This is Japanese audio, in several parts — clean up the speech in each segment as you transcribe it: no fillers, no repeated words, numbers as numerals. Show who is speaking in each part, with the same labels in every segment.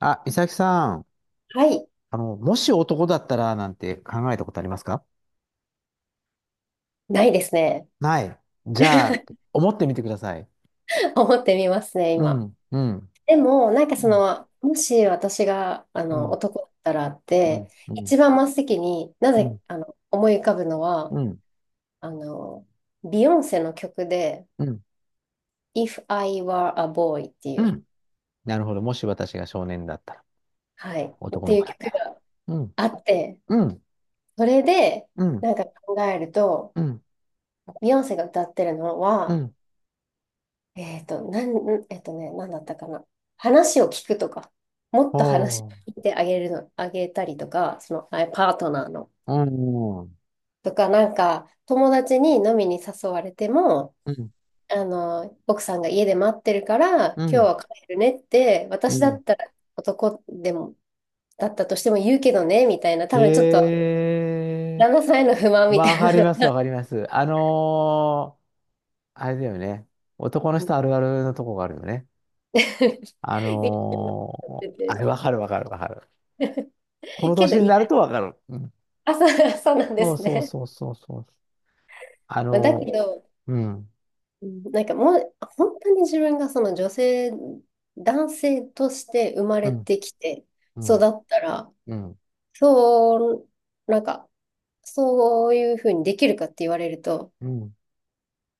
Speaker 1: あ、美咲さん、
Speaker 2: はい、
Speaker 1: もし男だったらなんて考えたことありますか？
Speaker 2: ないですね。
Speaker 1: ない。じゃあ、思ってみてください。
Speaker 2: 思ってみますね、
Speaker 1: う
Speaker 2: 今。
Speaker 1: ん、うん、
Speaker 2: でも、なんかそ
Speaker 1: うん、
Speaker 2: の、もし私が、
Speaker 1: うん、
Speaker 2: 男だったらっ
Speaker 1: う
Speaker 2: て、
Speaker 1: ん、うん、
Speaker 2: 一番真っ先にな
Speaker 1: う
Speaker 2: ぜ、
Speaker 1: ん、
Speaker 2: 思い浮かぶのは、
Speaker 1: うん、
Speaker 2: あの、ビヨンセの曲で、
Speaker 1: うん。
Speaker 2: If I Were a Boy ってい
Speaker 1: う
Speaker 2: う、
Speaker 1: ん、なるほど。もし私が少年だったら、
Speaker 2: はい、っ
Speaker 1: 男
Speaker 2: て
Speaker 1: の
Speaker 2: いう
Speaker 1: 子だった
Speaker 2: 曲
Speaker 1: ら。
Speaker 2: が
Speaker 1: うん、
Speaker 2: あって、
Speaker 1: うん、
Speaker 2: それで、
Speaker 1: うん、
Speaker 2: なんか考えると、
Speaker 1: うん、
Speaker 2: ビヨンセが歌ってるの
Speaker 1: う
Speaker 2: は、
Speaker 1: ん。
Speaker 2: えっと、なん、んえっとね、なんだったかな。話を聞くとか、もっ
Speaker 1: お
Speaker 2: と話聞
Speaker 1: ー、
Speaker 2: いてあげるの、あげたりとか、その、パートナーの。
Speaker 1: うん、う
Speaker 2: とか、なんか、友達に飲みに誘われても、
Speaker 1: ん、
Speaker 2: 奥さんが家で待ってるから、
Speaker 1: う
Speaker 2: 今日
Speaker 1: ん、
Speaker 2: は帰るねって、
Speaker 1: う
Speaker 2: 私だ
Speaker 1: ん。
Speaker 2: ったら男でも、だったとしても言うけどね、みたいな、多分ちょっと、
Speaker 1: え
Speaker 2: 旦那さんへの不満
Speaker 1: ー、
Speaker 2: みた
Speaker 1: わ
Speaker 2: い
Speaker 1: か
Speaker 2: な
Speaker 1: り
Speaker 2: の
Speaker 1: ます、
Speaker 2: が
Speaker 1: わかります。あれだよね。男の人あるあるのとこがあるよね。
Speaker 2: 見て
Speaker 1: あ
Speaker 2: て
Speaker 1: れ、わかるわかるわかる。この
Speaker 2: け
Speaker 1: 年
Speaker 2: ど、
Speaker 1: に
Speaker 2: 意
Speaker 1: なる
Speaker 2: 外
Speaker 1: とわかる。うん。
Speaker 2: そうそうなんで
Speaker 1: そう
Speaker 2: す
Speaker 1: そう
Speaker 2: ね。
Speaker 1: そうそうそう。あ
Speaker 2: まあだけ
Speaker 1: の
Speaker 2: ど、
Speaker 1: うん、
Speaker 2: うんなんかもう、本当に自分がその女性、男性として生ま
Speaker 1: う
Speaker 2: れ
Speaker 1: ん、
Speaker 2: てきて
Speaker 1: う
Speaker 2: 育
Speaker 1: ん、
Speaker 2: ったら、
Speaker 1: うん、
Speaker 2: そう、なんか、そういうふうにできるかって言われると、
Speaker 1: うん。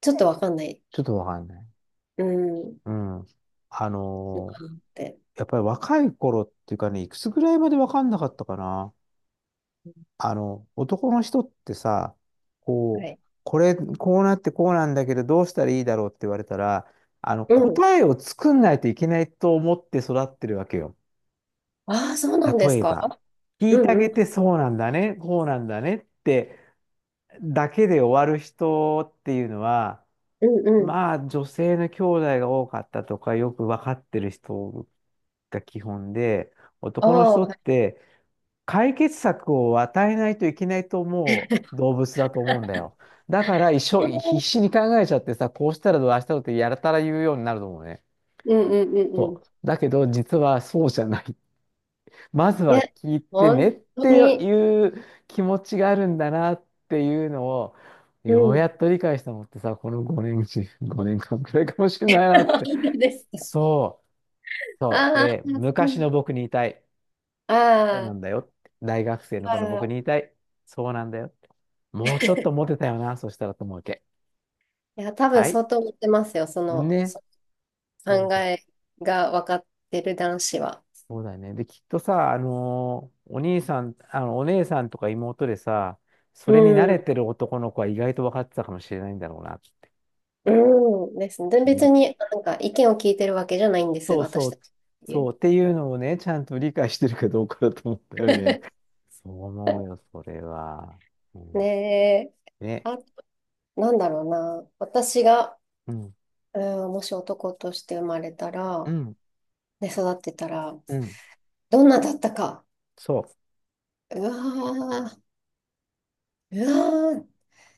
Speaker 2: ちょっとわかんない。
Speaker 1: ちょっとわかんない。
Speaker 2: うん、っ
Speaker 1: うん。あのー
Speaker 2: て。
Speaker 1: やっぱり若い頃っていうかね、いくつぐらいまでわかんなかったかな。男の人ってさ、
Speaker 2: は
Speaker 1: こう、
Speaker 2: い。
Speaker 1: こうなってこうなんだけど、どうしたらいいだろうって言われたら、
Speaker 2: うん。
Speaker 1: 答えを作んないといけないと思って育ってるわけよ。
Speaker 2: ああ、そうなんで
Speaker 1: 例
Speaker 2: す
Speaker 1: え
Speaker 2: か。
Speaker 1: ば、聞
Speaker 2: う
Speaker 1: いてあ
Speaker 2: んう
Speaker 1: げ
Speaker 2: ん、
Speaker 1: てそうなんだね、こうなんだねってだけで終わる人っていうのは、
Speaker 2: うんうん。
Speaker 1: まあ、女性の兄弟が多かったとか、よくわかってる人が基本で、
Speaker 2: あ
Speaker 1: 男の
Speaker 2: あ、
Speaker 1: 人
Speaker 2: は
Speaker 1: っ
Speaker 2: い。
Speaker 1: て、解決策を与えないといけないと思う動物だと思うんだよ。だから一生必死に考えちゃってさ、こうしたらどう、ああしたらどうってやたら言うようになると思うね。
Speaker 2: うんうんうんう
Speaker 1: そ
Speaker 2: ん。
Speaker 1: う。だけど実はそうじゃない。まず
Speaker 2: い
Speaker 1: は
Speaker 2: や、
Speaker 1: 聞いてねっ
Speaker 2: 本当
Speaker 1: て
Speaker 2: に、
Speaker 1: いう気持ちがあるんだなっていうのを、
Speaker 2: う
Speaker 1: ようや
Speaker 2: ん。
Speaker 1: っと理解したのってさ、この5年、5年間くらいかもしれないなっ て。
Speaker 2: いいです。
Speaker 1: そう。そう。
Speaker 2: ああ、
Speaker 1: で、
Speaker 2: そ
Speaker 1: 昔
Speaker 2: う。
Speaker 1: の僕に言いたい。
Speaker 2: あ
Speaker 1: そうな
Speaker 2: あ。
Speaker 1: んだよって。大学生のこの僕に
Speaker 2: あ
Speaker 1: 言
Speaker 2: あ
Speaker 1: いたい。そうなんだよ。もうちょっとモテたよな、そしたらと思うわけ。
Speaker 2: いや、多分
Speaker 1: はい。
Speaker 2: 相当持ってますよ、その、
Speaker 1: ね。そう
Speaker 2: 考
Speaker 1: で、
Speaker 2: えが分かってる男子は。
Speaker 1: そうだよね。で、きっとさ、お兄さん、お姉さんとか妹でさ、それに慣
Speaker 2: う
Speaker 1: れ
Speaker 2: ん、
Speaker 1: てる男の子は意外と分かってたかもしれないんだろうなって。
Speaker 2: うんですね。で
Speaker 1: ね。
Speaker 2: 別になんか意見を聞いてるわけじゃないんです、
Speaker 1: そうそ
Speaker 2: 私た
Speaker 1: う、
Speaker 2: ちっていう。
Speaker 1: そうっていうのをね、ちゃんと理解してるかどうかだと思ったよね。そう思うよ、それは。う
Speaker 2: ね
Speaker 1: ん、
Speaker 2: え、
Speaker 1: ね。
Speaker 2: あ、なんだろうな。私が、
Speaker 1: うん、
Speaker 2: うん、もし男として生まれた
Speaker 1: う
Speaker 2: ら、
Speaker 1: ん、
Speaker 2: で、育ってたら、
Speaker 1: うん。
Speaker 2: どんなだったか。
Speaker 1: そ
Speaker 2: うわー、うわー、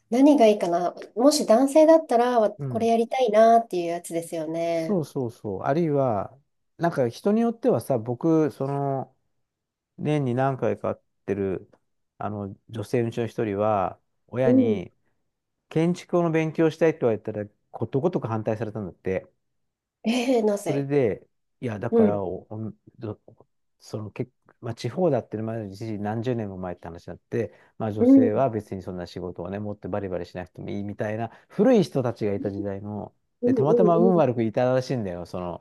Speaker 2: 何がいいかな。もし男性だったら、
Speaker 1: う。う
Speaker 2: これ
Speaker 1: ん。
Speaker 2: やりたいなっていうやつですよ
Speaker 1: そ
Speaker 2: ね。
Speaker 1: うそうそう。あるいは、なんか人によってはさ、僕、年に何回か会ってる、女性のうちの一人は、
Speaker 2: う
Speaker 1: 親
Speaker 2: ん。
Speaker 1: に、建築の勉強したいって言われたら、ことごとく反対されたんだって。
Speaker 2: えー、な
Speaker 1: それ
Speaker 2: ぜ
Speaker 1: で、いや、だ
Speaker 2: う
Speaker 1: から
Speaker 2: ん、
Speaker 1: お、おんどその、け、まあ、地方だってのもあるし、何十年も前って話になって、まあ、女
Speaker 2: うん、う
Speaker 1: 性
Speaker 2: ん、
Speaker 1: は別にそんな仕事をね、持ってバリバリしなくてもいいみたいな、古い人たちがいた時代の、
Speaker 2: うん、
Speaker 1: で、たまたま
Speaker 2: う
Speaker 1: 運
Speaker 2: ん、
Speaker 1: 悪くいたらしいんだよ、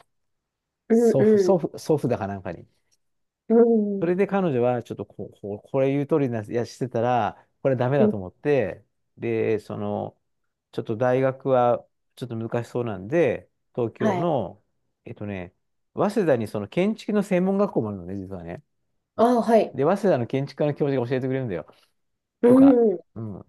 Speaker 2: うん、
Speaker 1: 祖父、
Speaker 2: う
Speaker 1: 祖
Speaker 2: ん、
Speaker 1: 父、祖父だかなんかに。
Speaker 2: う
Speaker 1: それ
Speaker 2: ん
Speaker 1: で彼女はちょっとこうこれ言う通りな、やしてたら、これダメ
Speaker 2: う
Speaker 1: だ
Speaker 2: ん、
Speaker 1: と思って、で、ちょっと大学はちょっと難しそうなんで、東京
Speaker 2: はい。
Speaker 1: の、えっとね、早稲田にその建築の専門学校もあるのね、実はね。
Speaker 2: ああ、はい。
Speaker 1: で、早稲田の建築科の教授が教えてくれるんだよ。
Speaker 2: う
Speaker 1: とか、
Speaker 2: ん。
Speaker 1: うん。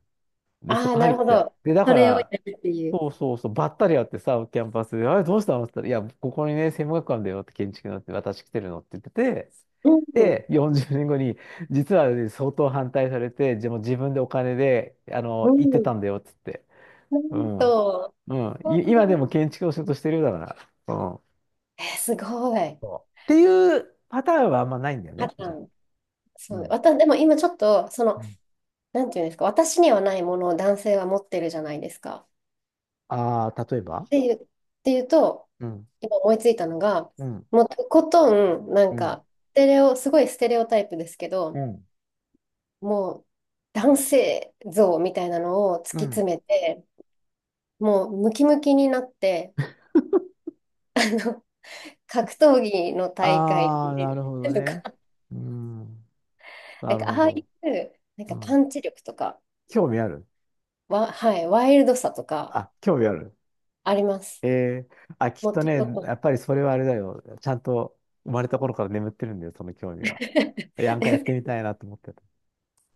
Speaker 1: で、そ
Speaker 2: ああ、
Speaker 1: こ
Speaker 2: な
Speaker 1: 入
Speaker 2: る
Speaker 1: っ
Speaker 2: ほ
Speaker 1: て、
Speaker 2: ど。
Speaker 1: で、だ
Speaker 2: そ
Speaker 1: か
Speaker 2: れをや
Speaker 1: ら、
Speaker 2: るっていう。
Speaker 1: そうそうそう、ばったり会ってさ、キャンパスで、あれどうしたのって言ったら、いや、ここにね、専門学館だよって建築のって、私来てるのって言ってて、
Speaker 2: うん、
Speaker 1: で、40年後に、実はね、相当反対されて、でも自分でお金で、
Speaker 2: う
Speaker 1: 行って
Speaker 2: ん。
Speaker 1: たんだよって言って。
Speaker 2: な
Speaker 1: う
Speaker 2: ん
Speaker 1: ん。
Speaker 2: と、
Speaker 1: うん。
Speaker 2: う
Speaker 1: 今でも
Speaker 2: ん
Speaker 1: 建築の仕事してるようだから。うん。
Speaker 2: えー、すごい。
Speaker 1: そうっていうパターンはあんまないんだよ
Speaker 2: パ
Speaker 1: ね、
Speaker 2: ター
Speaker 1: じゃあ。
Speaker 2: ン。
Speaker 1: う
Speaker 2: そう。
Speaker 1: ん。
Speaker 2: でも今ちょっと、その、なんていうんですか、私にはないものを男性は持ってるじゃないですか。
Speaker 1: ああー、例えば、
Speaker 2: っていうと、
Speaker 1: うん。
Speaker 2: 今思いついたのが、
Speaker 1: うん。
Speaker 2: もうとことん、なん
Speaker 1: うん。
Speaker 2: か、ステレオ、すごいステレオタイプですけ
Speaker 1: う
Speaker 2: ど、
Speaker 1: ん。
Speaker 2: もう男性像みたいなのを突
Speaker 1: う
Speaker 2: き詰
Speaker 1: ん。
Speaker 2: めて、もうムキムキになって、あの格闘技の大会
Speaker 1: あ
Speaker 2: に
Speaker 1: あ、
Speaker 2: 出
Speaker 1: なる
Speaker 2: る
Speaker 1: ほど
Speaker 2: とか、
Speaker 1: ね。うん。
Speaker 2: な
Speaker 1: な
Speaker 2: ん
Speaker 1: る
Speaker 2: か
Speaker 1: ほ
Speaker 2: ああ
Speaker 1: ど。
Speaker 2: いう、なん
Speaker 1: う
Speaker 2: かパ
Speaker 1: ん。
Speaker 2: ンチ力とか、
Speaker 1: 興味ある。
Speaker 2: はい、ワイルドさとか
Speaker 1: 興味ある。
Speaker 2: あります。
Speaker 1: ええあ、きっ
Speaker 2: もっ
Speaker 1: と
Speaker 2: と、
Speaker 1: ね、
Speaker 2: もっと
Speaker 1: やっぱりそれはあれだよ。ちゃんと生まれた頃から眠ってるんだよ、その興味は。なんかやってみたいなと思ってた。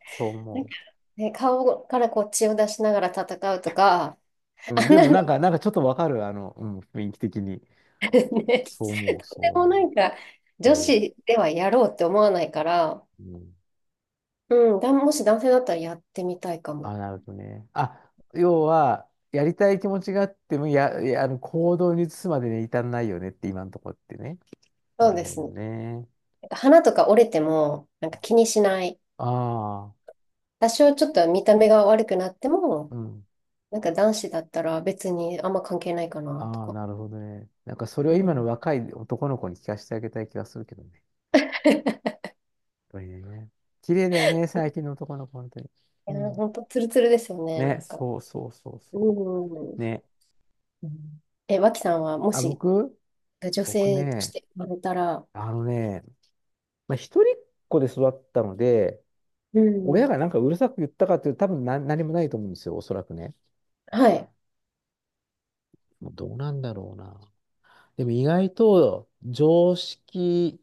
Speaker 1: そう
Speaker 2: なんか
Speaker 1: 思
Speaker 2: ね、顔からこう血を出しながら戦うとか、
Speaker 1: う。うん、
Speaker 2: あん
Speaker 1: で
Speaker 2: な
Speaker 1: も
Speaker 2: の
Speaker 1: なんか、ちょっとわかる、うん、雰囲気的に。
Speaker 2: ね、
Speaker 1: そう思う、
Speaker 2: と
Speaker 1: そ
Speaker 2: て
Speaker 1: う
Speaker 2: もな
Speaker 1: 思
Speaker 2: んか
Speaker 1: う。い
Speaker 2: 女
Speaker 1: やいや。
Speaker 2: 子ではやろうって思わないから、
Speaker 1: うん。
Speaker 2: うん、もし男性だったらやってみたいかも。
Speaker 1: あ、なるほどね。あ、要は、やりたい気持ちがあっても、いや、行動に移すまでに至らないよねって、今のところってね。な
Speaker 2: そう
Speaker 1: る
Speaker 2: で
Speaker 1: ほ
Speaker 2: す
Speaker 1: ど
Speaker 2: ね。
Speaker 1: ね。
Speaker 2: 花とか折れても、なんか気にしない。
Speaker 1: ああ、
Speaker 2: 多少ちょっと見た目が悪くなっても、
Speaker 1: うん。
Speaker 2: なんか男子だったら別にあんま関係ないかな、と
Speaker 1: ああ、
Speaker 2: か。
Speaker 1: なるほどね。なんかそれ
Speaker 2: う
Speaker 1: を今
Speaker 2: ん、
Speaker 1: の
Speaker 2: い
Speaker 1: 若い男の子に聞かせてあげたい気がするけどね。やっぱね。綺麗だよね、最近の男の子、本当に。う
Speaker 2: やー、
Speaker 1: ん。
Speaker 2: ほんとツルツルですよね、な
Speaker 1: ね、
Speaker 2: んか。
Speaker 1: そうそうそう
Speaker 2: う
Speaker 1: そ
Speaker 2: ん。
Speaker 1: う。
Speaker 2: う
Speaker 1: ね。
Speaker 2: ん脇さんはも
Speaker 1: あ、
Speaker 2: し女
Speaker 1: 僕
Speaker 2: 性とし
Speaker 1: ね、
Speaker 2: て生まれたら、
Speaker 1: あのね、まあ、一人っ子で育ったので、
Speaker 2: う
Speaker 1: 親
Speaker 2: ん。
Speaker 1: がなんかうるさく言ったかっていうと多分な、何もないと思うんですよ、おそらくね。
Speaker 2: はい。
Speaker 1: もうどうなんだろうな。でも意外と常識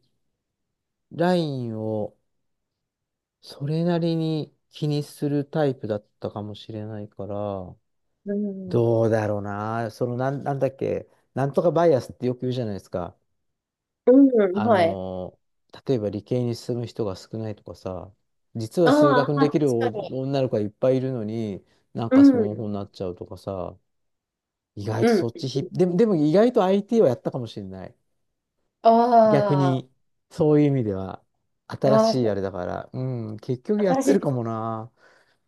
Speaker 1: ラインをそれなりに気にするタイプだったかもしれないから、
Speaker 2: うん
Speaker 1: どうだろうな。なんだっけ、なんとかバイアスってよく言うじゃないですか。
Speaker 2: うん、
Speaker 1: あ
Speaker 2: はい。
Speaker 1: の例えば理系に進む人が少ないとかさ、実は
Speaker 2: あ
Speaker 1: 数学
Speaker 2: あ、
Speaker 1: にできる
Speaker 2: 確
Speaker 1: お
Speaker 2: かに。
Speaker 1: 女の子がいっぱいいるのに、なん
Speaker 2: う
Speaker 1: かその方
Speaker 2: ん、
Speaker 1: になっちゃうとかさ、意外と
Speaker 2: う
Speaker 1: そ
Speaker 2: ん。
Speaker 1: っちでも意外と IT はやったかもしれない。逆
Speaker 2: あ
Speaker 1: に、そういう意味では、新
Speaker 2: あ、あ
Speaker 1: しいあれだから、うん、結局
Speaker 2: あ、
Speaker 1: やっ
Speaker 2: 新し
Speaker 1: て
Speaker 2: い
Speaker 1: る
Speaker 2: で
Speaker 1: か
Speaker 2: す。
Speaker 1: もな。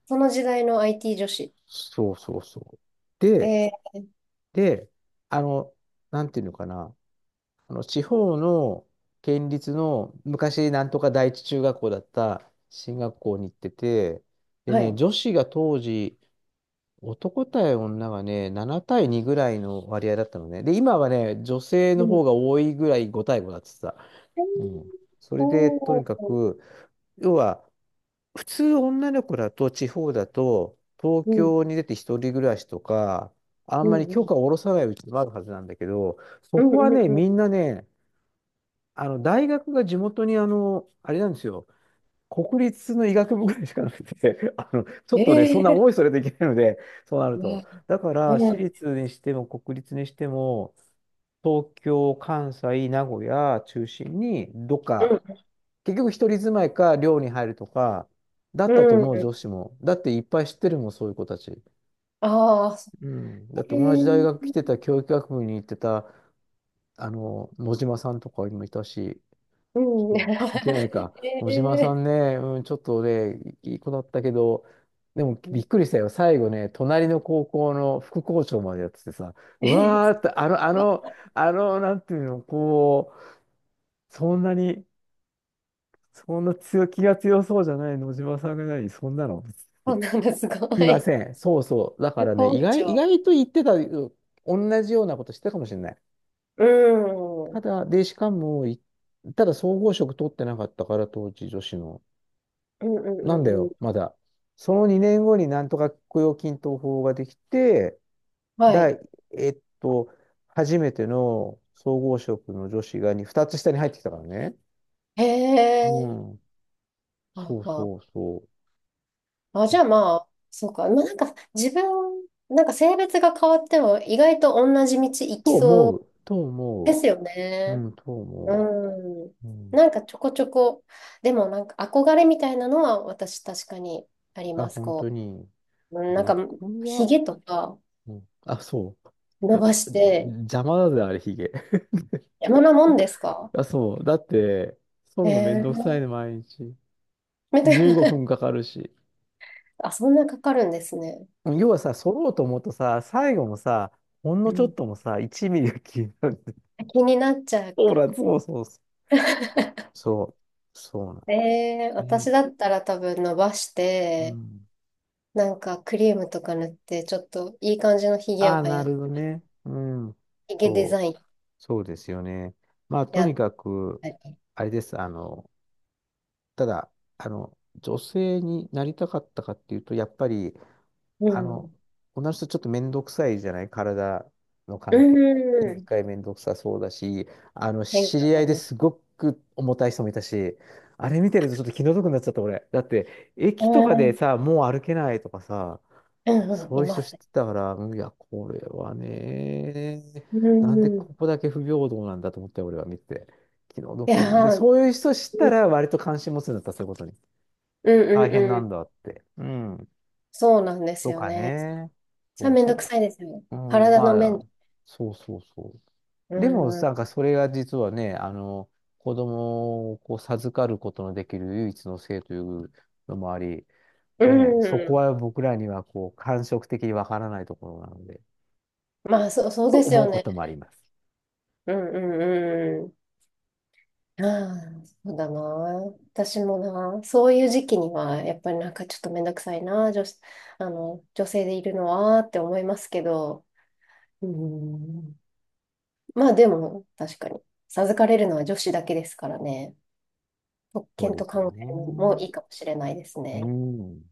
Speaker 2: その時代の IT 女子。
Speaker 1: そうそうそう。で、
Speaker 2: え
Speaker 1: で、あの、なんていうのかな、あの地方の県立の昔なんとか第一中学校だった進学校に行ってて、
Speaker 2: ー、
Speaker 1: で
Speaker 2: は
Speaker 1: ね、
Speaker 2: い。
Speaker 1: 女子が当時、男対女がね、7対2ぐらいの割合だったのね。で、今はね、女性
Speaker 2: う
Speaker 1: の
Speaker 2: ん。
Speaker 1: 方が多いぐらい5対5だってさ。
Speaker 2: えー
Speaker 1: うん。それで、と
Speaker 2: お
Speaker 1: にか
Speaker 2: ー、
Speaker 1: く、要は、普通女の子だと地方だと東
Speaker 2: うん、
Speaker 1: 京に出て一人暮らしとかあん
Speaker 2: う
Speaker 1: まり
Speaker 2: ん、
Speaker 1: 許可を下ろさないうちもあるはずなんだけど、そ
Speaker 2: うん、う
Speaker 1: こは
Speaker 2: ん、う
Speaker 1: ね、
Speaker 2: ん。う
Speaker 1: みんなね、あの大学が地元に、あのあれなんですよ、国立の医学部ぐらいしかなくて あの、ちょ
Speaker 2: ん
Speaker 1: っとね、そんな
Speaker 2: ええ
Speaker 1: 思いそれといけないので、そうなると
Speaker 2: わ
Speaker 1: だから
Speaker 2: う
Speaker 1: 私
Speaker 2: ん、
Speaker 1: 立にしても国立にしても東京関西名古屋中心にどっか、結局一人住まいか寮に入るとか、だ
Speaker 2: う
Speaker 1: ったと
Speaker 2: ん、
Speaker 1: 思う
Speaker 2: うん。
Speaker 1: 女子も。だっていっぱい知ってるもん、そういう子たち。
Speaker 2: ああ、そ
Speaker 1: うん。だって
Speaker 2: れ、
Speaker 1: 同じ大学
Speaker 2: うん。
Speaker 1: 来てた、教育学部に行ってた、野島さんとかにもいたし、そう関係ないか。野島さ
Speaker 2: ええ
Speaker 1: んね、うん、ちょっとね、いい子だったけど、でも
Speaker 2: う
Speaker 1: び
Speaker 2: ん
Speaker 1: っくりしたよ。最後ね、隣の高校の副校長までやっててさ、
Speaker 2: え
Speaker 1: う
Speaker 2: ー、
Speaker 1: わーって、
Speaker 2: わ
Speaker 1: なんていうの、こう、そんなにそんな強気が強そうじゃない野島さんが何そんなの
Speaker 2: あなんかすご
Speaker 1: いま
Speaker 2: い。
Speaker 1: せん。そうそう。だか
Speaker 2: 副
Speaker 1: らね、意
Speaker 2: 校
Speaker 1: 外、意
Speaker 2: 長。
Speaker 1: 外と言ってた、同じようなことしてたかもしれない。
Speaker 2: うん、う
Speaker 1: た
Speaker 2: ん、
Speaker 1: だ、で、しかも、ただ総合職取ってなかったから、当時女子の。
Speaker 2: うん、う
Speaker 1: なんだ
Speaker 2: ん。うん
Speaker 1: よ、まだ。その2年後になんとか雇用均等法ができて、
Speaker 2: はい。
Speaker 1: 第、えっと、初めての総合職の女子が2、二つ下に入ってきたからね。
Speaker 2: へえ、
Speaker 1: うん。
Speaker 2: あ、
Speaker 1: そう
Speaker 2: あ、
Speaker 1: そうそ
Speaker 2: あ、じ
Speaker 1: う。
Speaker 2: ゃあまあ、そうか。まあ、なんか、自分、なんか性別が変わっても、意外と同じ道行き
Speaker 1: と
Speaker 2: そ
Speaker 1: 思
Speaker 2: う
Speaker 1: う。と
Speaker 2: で
Speaker 1: 思
Speaker 2: すよ
Speaker 1: う。う
Speaker 2: ね。
Speaker 1: ん、と思
Speaker 2: うん。
Speaker 1: う。うん。
Speaker 2: なんかちょこちょこ、でもなんか憧れみたいなのは私確かにあり
Speaker 1: あ、
Speaker 2: ます。
Speaker 1: 本当
Speaker 2: こ
Speaker 1: に。
Speaker 2: う、うんなん
Speaker 1: 僕
Speaker 2: かひ
Speaker 1: は、
Speaker 2: げとか
Speaker 1: うん、あ、そう。
Speaker 2: 伸ばして、
Speaker 1: 邪魔だぜ、あれ、ヒゲ。
Speaker 2: 山なもんですか
Speaker 1: あ、そう。だって、剃るのめん
Speaker 2: え
Speaker 1: どくさ
Speaker 2: ー、
Speaker 1: いね、毎日。
Speaker 2: み
Speaker 1: 15分かかるし。
Speaker 2: あ、そんなかかるんですね。
Speaker 1: 要はさ、剃ろうと思うとさ、最後もさ、ほん
Speaker 2: う
Speaker 1: のちょ
Speaker 2: ん。
Speaker 1: っともさ、1ミリが消える。
Speaker 2: 気になっちゃ う
Speaker 1: ほ
Speaker 2: か。
Speaker 1: ら、そうそうそう。そう。そうなんです
Speaker 2: えー、
Speaker 1: ね。
Speaker 2: 私だったら多分伸ばし
Speaker 1: う
Speaker 2: て、
Speaker 1: ん。
Speaker 2: なんかクリームとか塗って、ちょっといい感じのひげ
Speaker 1: あ
Speaker 2: を
Speaker 1: あ、
Speaker 2: は
Speaker 1: な
Speaker 2: や、
Speaker 1: るほどね。うん。
Speaker 2: ひげデ
Speaker 1: そ
Speaker 2: ザ
Speaker 1: う。
Speaker 2: イン
Speaker 1: そうですよね。まあ、と
Speaker 2: や
Speaker 1: に
Speaker 2: っ
Speaker 1: かく、
Speaker 2: たり。
Speaker 1: あれです。ただ、女性になりたかったかっていうと、やっぱり、
Speaker 2: う
Speaker 1: あの、
Speaker 2: ん。
Speaker 1: 女の人ちょっと面倒くさいじゃない体の
Speaker 2: う
Speaker 1: 関係。一
Speaker 2: ん。
Speaker 1: 回面倒くさそうだし、
Speaker 2: 変
Speaker 1: 知
Speaker 2: 化
Speaker 1: り合
Speaker 2: が
Speaker 1: いで
Speaker 2: ね
Speaker 1: すごく重たい人もいたし、あれ見てるとちょっと気の毒になっちゃった俺。だって、
Speaker 2: う
Speaker 1: 駅とかで
Speaker 2: ん
Speaker 1: さ、もう歩けないとかさ、
Speaker 2: うんうん
Speaker 1: そうい
Speaker 2: い
Speaker 1: う
Speaker 2: ま
Speaker 1: 人
Speaker 2: す
Speaker 1: 知っ
Speaker 2: ね。
Speaker 1: てたから、いや、これはね、
Speaker 2: う
Speaker 1: なんで
Speaker 2: ん。い
Speaker 1: ここだけ不平等なんだと思って、俺は見て。気の
Speaker 2: や
Speaker 1: 毒に。で、そ
Speaker 2: ー、
Speaker 1: ういう人知ったら、割と関心持つんだった、そういうことに。
Speaker 2: うん
Speaker 1: 大
Speaker 2: う
Speaker 1: 変
Speaker 2: ん
Speaker 1: な
Speaker 2: う
Speaker 1: ん
Speaker 2: ん。
Speaker 1: だって。うん。
Speaker 2: そうなんです
Speaker 1: と
Speaker 2: よ
Speaker 1: か
Speaker 2: ね。
Speaker 1: ね。
Speaker 2: さ、
Speaker 1: そう、
Speaker 2: めん
Speaker 1: そ
Speaker 2: どく
Speaker 1: れ。
Speaker 2: さいですよね。
Speaker 1: うん、
Speaker 2: 体の
Speaker 1: ま
Speaker 2: 面。
Speaker 1: あ、そうそうそ
Speaker 2: う
Speaker 1: う。でも、な
Speaker 2: ん。
Speaker 1: んかそれが実はね、子供をこう授かることのできる唯一の性というのもあり、
Speaker 2: う
Speaker 1: ね、そこ
Speaker 2: ん。
Speaker 1: は僕らにはこう感触的にわからないところなので、
Speaker 2: まあ、そう、そう
Speaker 1: と
Speaker 2: です
Speaker 1: 思う
Speaker 2: よ
Speaker 1: こ
Speaker 2: ね。
Speaker 1: ともあります。
Speaker 2: うんうんうん。ああ、そうだな。私もな。そういう時期には、やっぱりなんかちょっとめんどくさいな。女子、女性でいるのはって思いますけど。うん。まあ、でも、確かに。授かれるのは女子だけですからね。特
Speaker 1: そう
Speaker 2: 権
Speaker 1: で
Speaker 2: と
Speaker 1: すよ
Speaker 2: 考えるのも
Speaker 1: ね。
Speaker 2: いいかもしれないです
Speaker 1: う
Speaker 2: ね。
Speaker 1: ん。